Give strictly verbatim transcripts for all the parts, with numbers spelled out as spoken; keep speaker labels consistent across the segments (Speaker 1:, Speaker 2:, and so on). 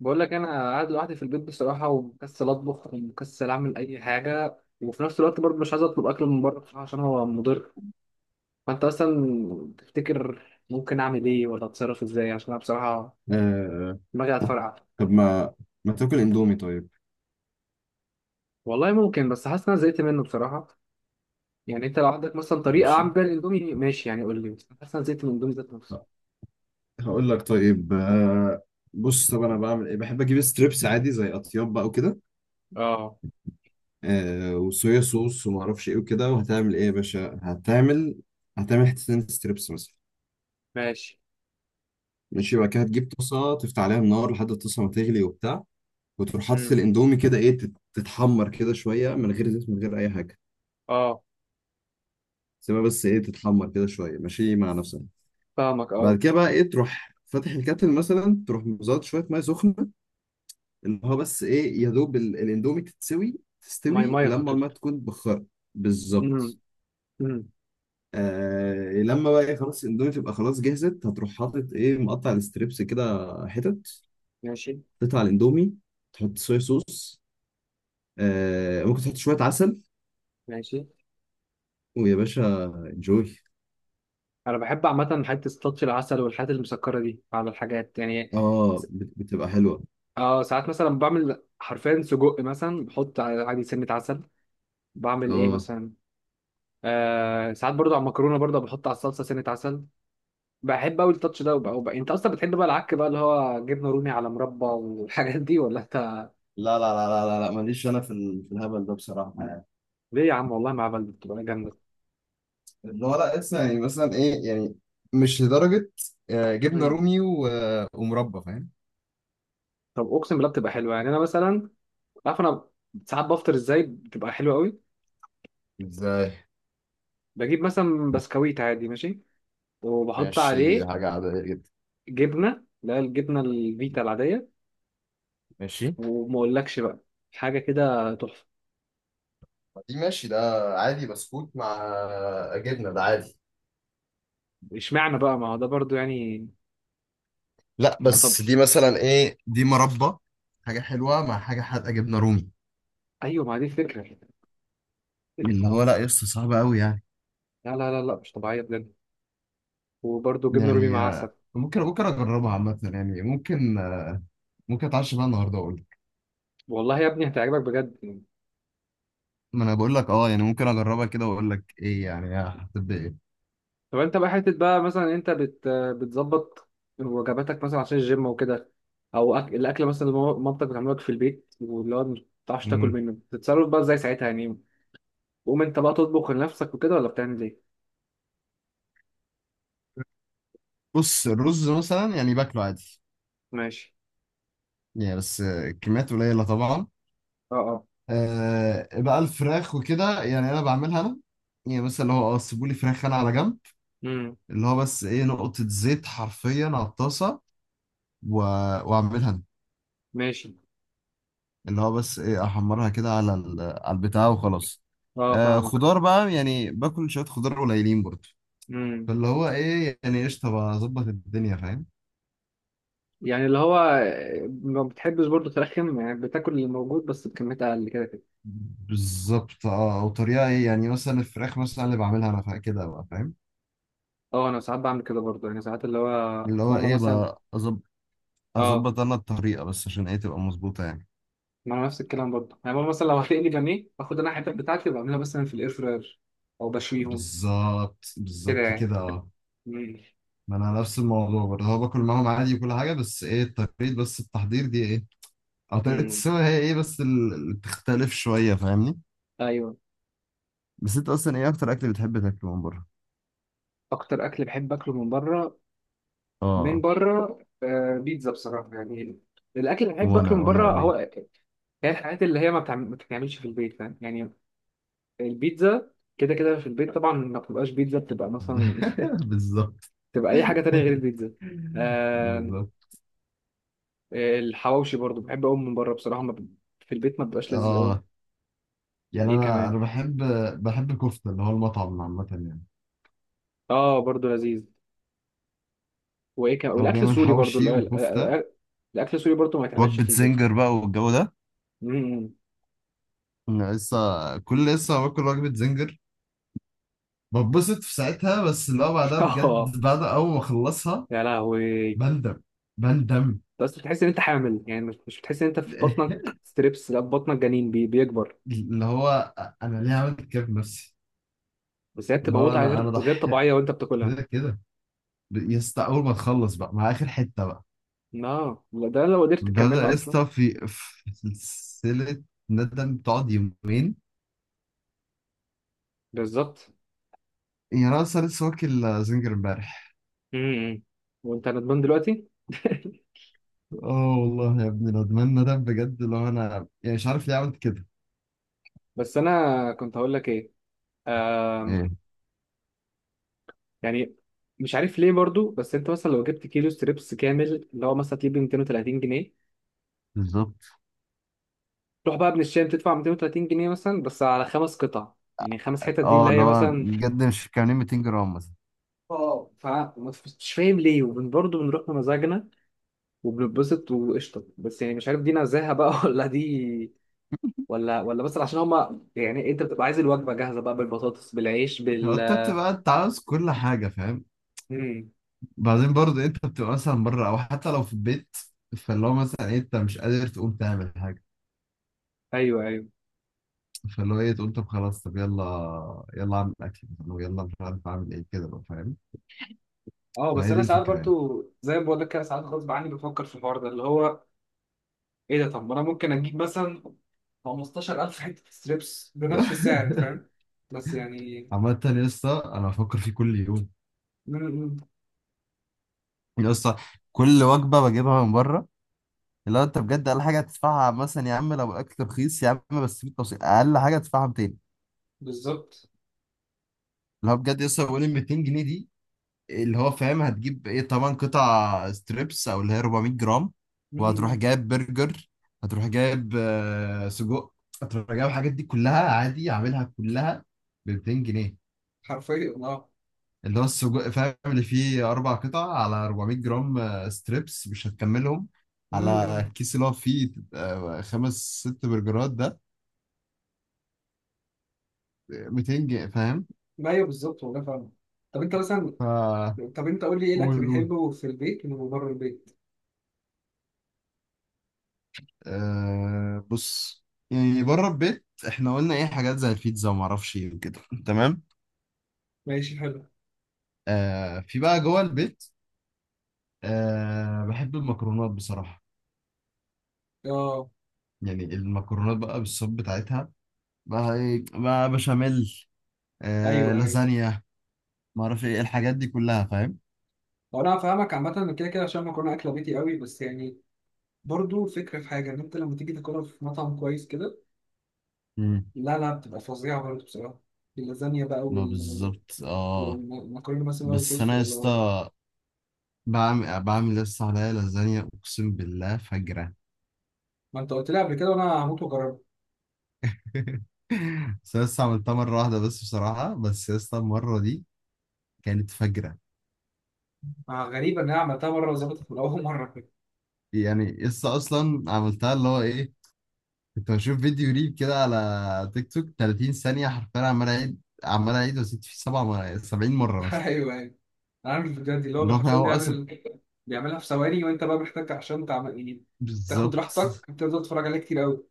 Speaker 1: بقول لك انا قاعد لوحدي في البيت بصراحه، ومكسل اطبخ ومكسل اعمل اي حاجه، وفي نفس الوقت برضه مش عايز اطلب اكل من بره بصراحه عشان هو مضر. فانت اصلا تفتكر ممكن اعمل ايه، ولا اتصرف ازاي؟ عشان انا بصراحه
Speaker 2: آه
Speaker 1: دماغي هتفرقع.
Speaker 2: طب ما ما تاكل اندومي طيب.
Speaker 1: والله ممكن، بس حاسس ان انا زهقت منه بصراحه. يعني انت لو عندك مثلا طريقه
Speaker 2: ماشي،
Speaker 1: اعمل بيها الاندومي ماشي، يعني قول لي، بس حاسس ان انا زهقت من الاندومي ذات نفسه.
Speaker 2: هقول لك طيب. آه بص، طب انا بعمل ايه؟ بحب اجيب ستريبس عادي زي اطياب بقى وكده،
Speaker 1: اه،
Speaker 2: آه وصويا صوص وما اعرفش ايه وكده. وهتعمل ايه يا باشا؟ هتعمل هتعمل حتتين ستريبس مثلا.
Speaker 1: ماشي.
Speaker 2: ماشي، بعد كده هتجيب طاسه تفتح عليها النار لحد الطاسه ما تغلي وبتاع، وتروح حاطط
Speaker 1: امم.
Speaker 2: الاندومي كده ايه تت- تتحمر كده شويه من غير زيت من غير اي حاجه.
Speaker 1: اه،
Speaker 2: سيبها بس ايه تتحمر كده شويه ماشي مع نفسها.
Speaker 1: فاهمك.
Speaker 2: بعد
Speaker 1: اه.
Speaker 2: كده بقى ايه تروح فاتح الكاتل مثلا، تروح مزود شويه ميه سخنه، ان هو بس ايه يا دوب ال- الاندومي تتسوي
Speaker 1: ماي
Speaker 2: تستوي
Speaker 1: ماي
Speaker 2: لما
Speaker 1: هتد
Speaker 2: الميه تكون بخار.
Speaker 1: امم.
Speaker 2: بالظبط.
Speaker 1: امم.
Speaker 2: آه لما بقى ايه خلاص الاندومي تبقى خلاص جهزت، هتروح حاطط ايه مقطع الستريبس كده حتت،
Speaker 1: ماشي.
Speaker 2: تقطع الاندومي، تحط صويا صوص، آه ممكن تحط شويه عسل،
Speaker 1: ماشي.
Speaker 2: ويا باشا انجوي.
Speaker 1: انا بحب عامه حته تاتش العسل والحاجات المسكره دي على الحاجات يعني. س-
Speaker 2: اه، بت- بتبقى حلوه.
Speaker 1: اه، ساعات مثلا بعمل حرفيا سجق مثلا بحط ع- عادي سنه عسل. بعمل ايه
Speaker 2: اه،
Speaker 1: مثلا. آه، ساعات برضو على المكرونه برضو بحط على الصلصه سنه عسل. بحب قوي التاتش ده وبقى وبقى. انت اصلا بتحب بقى العك بقى اللي هو جبنه رومي على مربى والحاجات دي، ولا انت؟
Speaker 2: لا لا لا لا لا لا، ماليش انا في ال- في الهبل ده بصراحه.
Speaker 1: ليه يا عم، والله مع بلد بتبقى جامده.
Speaker 2: اللي هو لا لسه يعني مثلا ايه يعني، مش لدرجة. آه، جبنة
Speaker 1: مم.
Speaker 2: رومي و- آه، ومربى، فاهم؟
Speaker 1: طب اقسم بالله بتبقى حلوه، يعني انا مثلا عارف انا ساعات بفطر ازاي بتبقى حلوه قوي.
Speaker 2: ازاي؟
Speaker 1: بجيب مثلا بسكويت عادي ماشي، وبحط
Speaker 2: ماشي دي
Speaker 1: عليه
Speaker 2: حاجة عادية جدا.
Speaker 1: جبنه، لا الجبنه الفيتا العاديه،
Speaker 2: ماشي.
Speaker 1: وما اقولكش بقى حاجه كده تحفه.
Speaker 2: دي ماشي ده عادي، بسكوت مع جبنة، ده عادي.
Speaker 1: اشمعنى بقى؟ ما هو ده برضو يعني.
Speaker 2: لا
Speaker 1: يعني طب.
Speaker 2: بس دي مثلا ايه، دي مربى، حاجة حلوة مع حاجة حادقة جبنة رومي.
Speaker 1: ايوه، ما هي دي الفكره.
Speaker 2: اللي هو لا لسه صعبة قوي يعني.
Speaker 1: لا لا لا لا، مش طبيعيه بجد. وبرضو جبنه رومي
Speaker 2: يعني
Speaker 1: مع عسل.
Speaker 2: آه، ممكن ممكن أجربها عامة يعني، ممكن آه، ممكن أتعشى بقى النهاردة وأقول لك.
Speaker 1: والله يا ابني هتعجبك بجد يعني.
Speaker 2: ما أنا بقول لك أه يعني ممكن أجربها كده وأقول لك إيه يعني هتبقى
Speaker 1: طب انت بقى حته بقى مثلا انت بت بتظبط وجباتك مثلا عشان الجيم وكده، او أك... الاكل مثلا اللي ماما- مامتك بتعمله لك في البيت، واللي هو ما بتعرفش تاكل
Speaker 2: إيه.
Speaker 1: منه، بتتصرف بقى ازاي ساعتها يعني؟ قوم انت بقى تطبخ لنفسك وكده، ولا بتعمل ايه؟
Speaker 2: بص، الرز مثلا يعني باكله عادي
Speaker 1: ماشي.
Speaker 2: يعني، بس كميات قليلة طبعا.
Speaker 1: اه، اه.
Speaker 2: آه بقى الفراخ وكده يعني انا بعملها انا، يعني مثلا اللي هو اه سيبولي فراخ انا على جنب،
Speaker 1: امم.
Speaker 2: اللي هو بس ايه نقطة زيت حرفيا على الطاسة، و- واعملها انا،
Speaker 1: ماشي.
Speaker 2: اللي هو بس ايه احمرها كده على ال- على البتاع وخلاص.
Speaker 1: اه،
Speaker 2: آه
Speaker 1: فاهمك.
Speaker 2: خضار بقى يعني باكل شوية خضار قليلين برضه،
Speaker 1: امم.
Speaker 2: فاللي هو ايه يعني قشطة بقى اظبط الدنيا، فاهم؟
Speaker 1: يعني اللي هو ما بتحبش برضه ترخم، يعني بتاكل اللي موجود بس بكميات اقل كده كده.
Speaker 2: بالظبط اه، وطريقة ايه يعني مثلا الفراخ مثلا اللي بعملها انا فا- كده بقى، فاهم؟
Speaker 1: اه، انا ساعات بعمل كده برضه، يعني ساعات اللي هو
Speaker 2: اللي هو
Speaker 1: ماما
Speaker 2: ايه
Speaker 1: مثلا.
Speaker 2: بقى أظب-
Speaker 1: اه،
Speaker 2: اظبط انا الطريقة بس عشان ايه تبقى مظبوطة يعني.
Speaker 1: ما انا نفس الكلام برضه، يعني ماما مثلا لو هتقلي بانيه، باخد انا الحتت بتاعتي وبعملها مثلا في الاير فراير او بشويهم
Speaker 2: بالظبط
Speaker 1: كده
Speaker 2: بالظبط
Speaker 1: يعني.
Speaker 2: كده اه.
Speaker 1: امم.
Speaker 2: ما انا نفس الموضوع برضه، هو باكل معاهم عادي وكل حاجه، بس ايه طريقه بس التحضير دي ايه، او طريقه
Speaker 1: امم.
Speaker 2: السوا هي ايه بس ال- اللي بتختلف شويه، فاهمني؟
Speaker 1: ايوه.
Speaker 2: بس انت اصلا ايه اكتر اكل بتحب تاكله من بره؟
Speaker 1: اكتر اكل بحب اكله من بره. من
Speaker 2: اه،
Speaker 1: بره آه بيتزا بصراحه يعني. الاكل اللي بحب اكله
Speaker 2: وانا
Speaker 1: من
Speaker 2: وانا
Speaker 1: بره هو
Speaker 2: قوي.
Speaker 1: هي الحاجات اللي هي ما بتعمل- ما بتتعملش في البيت، فاهم يعني. البيتزا كده كده في البيت طبعا ما بتبقاش بيتزا، بتبقى مثلا.
Speaker 2: بالظبط.
Speaker 1: بتبقى اي حاجه تانية غير البيتزا. آه.
Speaker 2: بالظبط.
Speaker 1: الحواوشي برضو بحب اقوم من بره بصراحه، ما ب... في البيت ما بيبقاش لذيذ قوي.
Speaker 2: اه، يعني
Speaker 1: ايه
Speaker 2: انا
Speaker 1: كمان.
Speaker 2: انا بحب، بحب الكفته، اللي هو المطعم عامه يعني،
Speaker 1: اه، برضو لذيذ. وايه كمان؟
Speaker 2: هو
Speaker 1: والاكل
Speaker 2: بيعمل
Speaker 1: السوري برضو ال-
Speaker 2: حوشي
Speaker 1: ال-
Speaker 2: وكفته.
Speaker 1: ال- الاكل السوري برضو ما يتعملش
Speaker 2: وجبة
Speaker 1: في البيت.
Speaker 2: زنجر بقى والجو ده،
Speaker 1: مم.
Speaker 2: أنا لسه كل لسه باكل وجبة زنجر، بتبسط في ساعتها، بس لو بعدها
Speaker 1: اه،
Speaker 2: بجد بعد أول ما أخلصها
Speaker 1: يا لهوي.
Speaker 2: بندم، بندم.
Speaker 1: بس بتحس ان انت حامل، يعني مش مش بتحس ان انت في بطنك ستريبس، لا في بطنك جنين بي... بيكبر.
Speaker 2: اللي هو أنا ليه عملت كده في نفسي.
Speaker 1: بس هي
Speaker 2: اللي
Speaker 1: بتبقى
Speaker 2: هو
Speaker 1: متعه
Speaker 2: أنا
Speaker 1: غير
Speaker 2: أنا
Speaker 1: غير
Speaker 2: ضحيت
Speaker 1: طبيعيه وانت بتاكلها.
Speaker 2: كده كده. يا اسطى أول ما تخلص بقى مع آخر حتة بقى،
Speaker 1: لا لا، ده لو قدرت
Speaker 2: بدأ
Speaker 1: تكملها
Speaker 2: يا
Speaker 1: اصلا.
Speaker 2: اسطى في في سلسلة ندم تقعد يومين.
Speaker 1: بالظبط.
Speaker 2: يعني أنا أصلا لسه واكل زنجر امبارح.
Speaker 1: امم. وانت ندمان دلوقتي.
Speaker 2: اه والله يا ابني ندمان، ندم بجد، اللي هو أنا يعني مش عارف ليه عملت كده.
Speaker 1: بس انا كنت هقول لك ايه. آم،
Speaker 2: ايه؟
Speaker 1: يعني مش عارف ليه برضو، بس انت مثلا لو جبت كيلو ستريبس كامل اللي هو مثلا تجيب مئتين وتلاتين جنيه،
Speaker 2: بالظبط
Speaker 1: تروح بقى ابن الشام تدفع مئتين وتلاتين جنيه مثلا بس على خمس قطع، يعني خمس حتت دي
Speaker 2: اه،
Speaker 1: اللي
Speaker 2: اللي
Speaker 1: هي
Speaker 2: هو
Speaker 1: مثلا.
Speaker 2: بجد مش كاملين مئتين جرام مثلا.
Speaker 1: اه، فمش فاهم ليه، وبرضه بنروح بمزاجنا وبنتبسط وقشطه، بس يعني مش عارف دي نزاهه بقى، ولا دي، ولا ولا بس عشان هما يعني انت بتبقى عايز الوجبه جاهزه بقى بالبطاطس بالعيش بال.
Speaker 2: انت بتبقى انت عاوز كل حاجه فاهم، بعدين برضه انت بتبقى مثلا بره او حتى لو في البيت، فاللي هو مثلا إيه، انت مش قادر تقوم تعمل حاجه،
Speaker 1: ايوه، ايوه،
Speaker 2: فاللي هو ايه تقول طب خلاص، طب يلا يلا اعمل اكل مثلا، ويلا مش عارف اعمل ايه كده بقى، فاهم؟
Speaker 1: اه. بس
Speaker 2: فهي دي
Speaker 1: انا ساعات
Speaker 2: الفكره يعني.
Speaker 1: برضو زي ما بقول لك كده، ساعات غصب عني بفكر في الحوار ده اللي هو ايه ده. طب ما انا ممكن اجيب مثلا خمستاشر الف حته ستريبس بنفس السعر، فاهم؟ بس يعني
Speaker 2: عامة يا اسطى انا بفكر فيه كل يوم،
Speaker 1: م- م-
Speaker 2: يا اسطى كل وجبه بجيبها من بره، اللي هو انت بجد اقل حاجه هتدفعها مثلا يا عم، لو الاكل رخيص يا عم بس في توصيل اقل حاجه هتدفعها.
Speaker 1: بالظبط.
Speaker 2: اللي هو بجد لسه بقول ال مئتين جنيه دي، اللي هو فاهم هتجيب ايه طبعا قطع ستريبس او اللي هي أربعمائة جرام،
Speaker 1: م-
Speaker 2: وهتروح
Speaker 1: م.
Speaker 2: جايب برجر، هتروح جايب آه، سجق، هتروح جايب الحاجات دي كلها عادي عاملها كلها ب مئتين جنيه.
Speaker 1: حرفيا اه.
Speaker 2: اللي هو السجق فاهم اللي فيه اربع قطع، على أربعمائة جرام آه، ستريبس مش هتكملهم،
Speaker 1: م-
Speaker 2: على
Speaker 1: م.
Speaker 2: الكيس اللي هو فيه آه، خمس ست برجرات، ده مئتين جنيه، فاهم؟
Speaker 1: ما ايوه، بالظبط، والله فاهم. طب انت مثلا،
Speaker 2: ف،
Speaker 1: طب انت قول لي ايه
Speaker 2: قول
Speaker 1: الاكل
Speaker 2: قول.
Speaker 1: بتحبه في البيت ومن بره البيت.
Speaker 2: أه بص، يعني بره البيت احنا قلنا ايه حاجات زي البيتزا وما اعرفش ايه وكده. تمام.
Speaker 1: ماشي، حلو.
Speaker 2: أه في بقى جوه البيت، أه بحب المكرونات بصراحة،
Speaker 1: اه،
Speaker 2: يعني المكرونات بقى بالصوص بتاعتها بقى، ايه بقى بشاميل، أه
Speaker 1: ايوه، ايوه.
Speaker 2: لازانيا، ما اعرفش ايه الحاجات دي كلها، فاهم؟
Speaker 1: هو انا فاهمك عامه من كده كده عشان المكرونه اكله بيتي قوي، بس يعني برضو فكره في حاجه ان انت لما تيجي تاكلها في مطعم كويس كده.
Speaker 2: مم.
Speaker 1: لا لا، بتبقى فظيعة برضه بصراحة. اللازانيا بقى
Speaker 2: ما
Speaker 1: وال-
Speaker 2: بالظبط اه.
Speaker 1: والمكرونة مثلا وايت
Speaker 2: بس
Speaker 1: صوص
Speaker 2: انا يا
Speaker 1: ولا.
Speaker 2: اسطى بعمل بعمل يا اسطى عليا لازانيا اقسم بالله فجرة.
Speaker 1: ما انت قلت لي قبل كده وانا هموت واجربها.
Speaker 2: بس أنا لسه عملتها مرة واحدة بس بصراحة، بس يا اسطى المرة دي كانت فجرة.
Speaker 1: آه، غريبة ان انا عملتها مرة وظبطت من اول مرة كده.
Speaker 2: يعني لسه أصلا عملتها اللي هو إيه، كنت بشوف فيديو ريل كده على تيك توك ثلاثين ثانية حرفيا، عمال أعيد عمال أعيد وأزيد فيه سبع مرات، سبعين مرة مثلا،
Speaker 1: ايوه، ايوه، انا عارف الفيديوهات دي اللي
Speaker 2: اللي
Speaker 1: هو
Speaker 2: هو فاهم
Speaker 1: حرفيا
Speaker 2: هو أصلا
Speaker 1: بيعمل بيعملها في ثواني، وانت بقى محتاج عشان تعمل يعني تاخد
Speaker 2: بالظبط.
Speaker 1: راحتك بتفضل تتفرج عليها كتير قوي.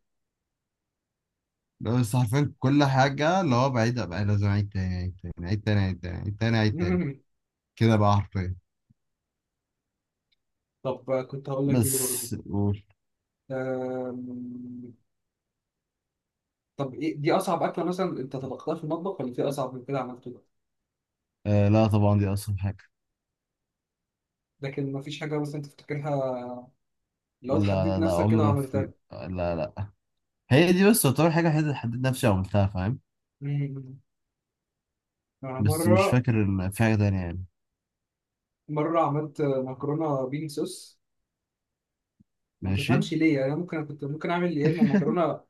Speaker 2: اللي هو بس حرفيا كل حاجة اللي هو بعيدها بقى لازم أعيد تاني أعيد تاني أعيد تاني أعيد تاني أعيد تاني أعيد تاني كده بقى حرفيا.
Speaker 1: طب آه، كنت هقول لك ايه برضه.
Speaker 2: بس قول.
Speaker 1: آم، طب ايه دي اصعب اكلة مثلا انت طبختها في المطبخ؟ ولا في اصعب من كده عملته؟
Speaker 2: آه لا طبعا دي أصعب حاجة.
Speaker 1: لكن ما فيش حاجة مثلا تفتكرها لو تحديت
Speaker 2: لا لا لا
Speaker 1: نفسك كده
Speaker 2: عمره
Speaker 1: وعملتها.
Speaker 2: في لا، لا، هي دي بس تعتبر حاجة حد- حددت نفسي عملتها، فاهم؟
Speaker 1: مم. أنا
Speaker 2: بس مش
Speaker 1: مرة،
Speaker 2: فاكر ال- في حاجة تانية يعني.
Speaker 1: مرة عملت مكرونة بين صوص، وما
Speaker 2: ماشي.
Speaker 1: تفهمش ليه، يعني أنا ممكن كنت ممكن أعمل يا إما مكرونة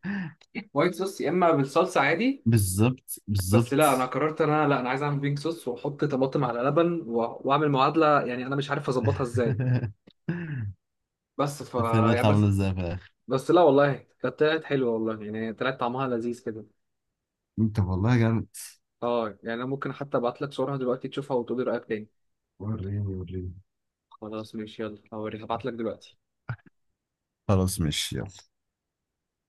Speaker 1: وايت صوص، يا إما بالصلصة عادي.
Speaker 2: بالظبط
Speaker 1: بس لا، أنا
Speaker 2: بالظبط.
Speaker 1: قررت إن أنا لا أنا عايز أعمل بين صوص وأحط طماطم على لبن و- وأعمل معادلة، يعني أنا مش عارف أظبطها إزاي. بس ف
Speaker 2: طلعت
Speaker 1: يعني بس،
Speaker 2: عاملة ازاي في الآخر؟
Speaker 1: بس لا والله، كانت طلعت حلوة والله، يعني طلعت طعمها لذيذ كده.
Speaker 2: انت والله جامد،
Speaker 1: اه يعني أنا ممكن حتى أبعت لك صورها دلوقتي تشوفها وتقولي رأيك تاني.
Speaker 2: وريني وريني.
Speaker 1: خلاص ماشي، يلا هوريك هبعت لك دلوقتي.
Speaker 2: خلاص ماشي يلا.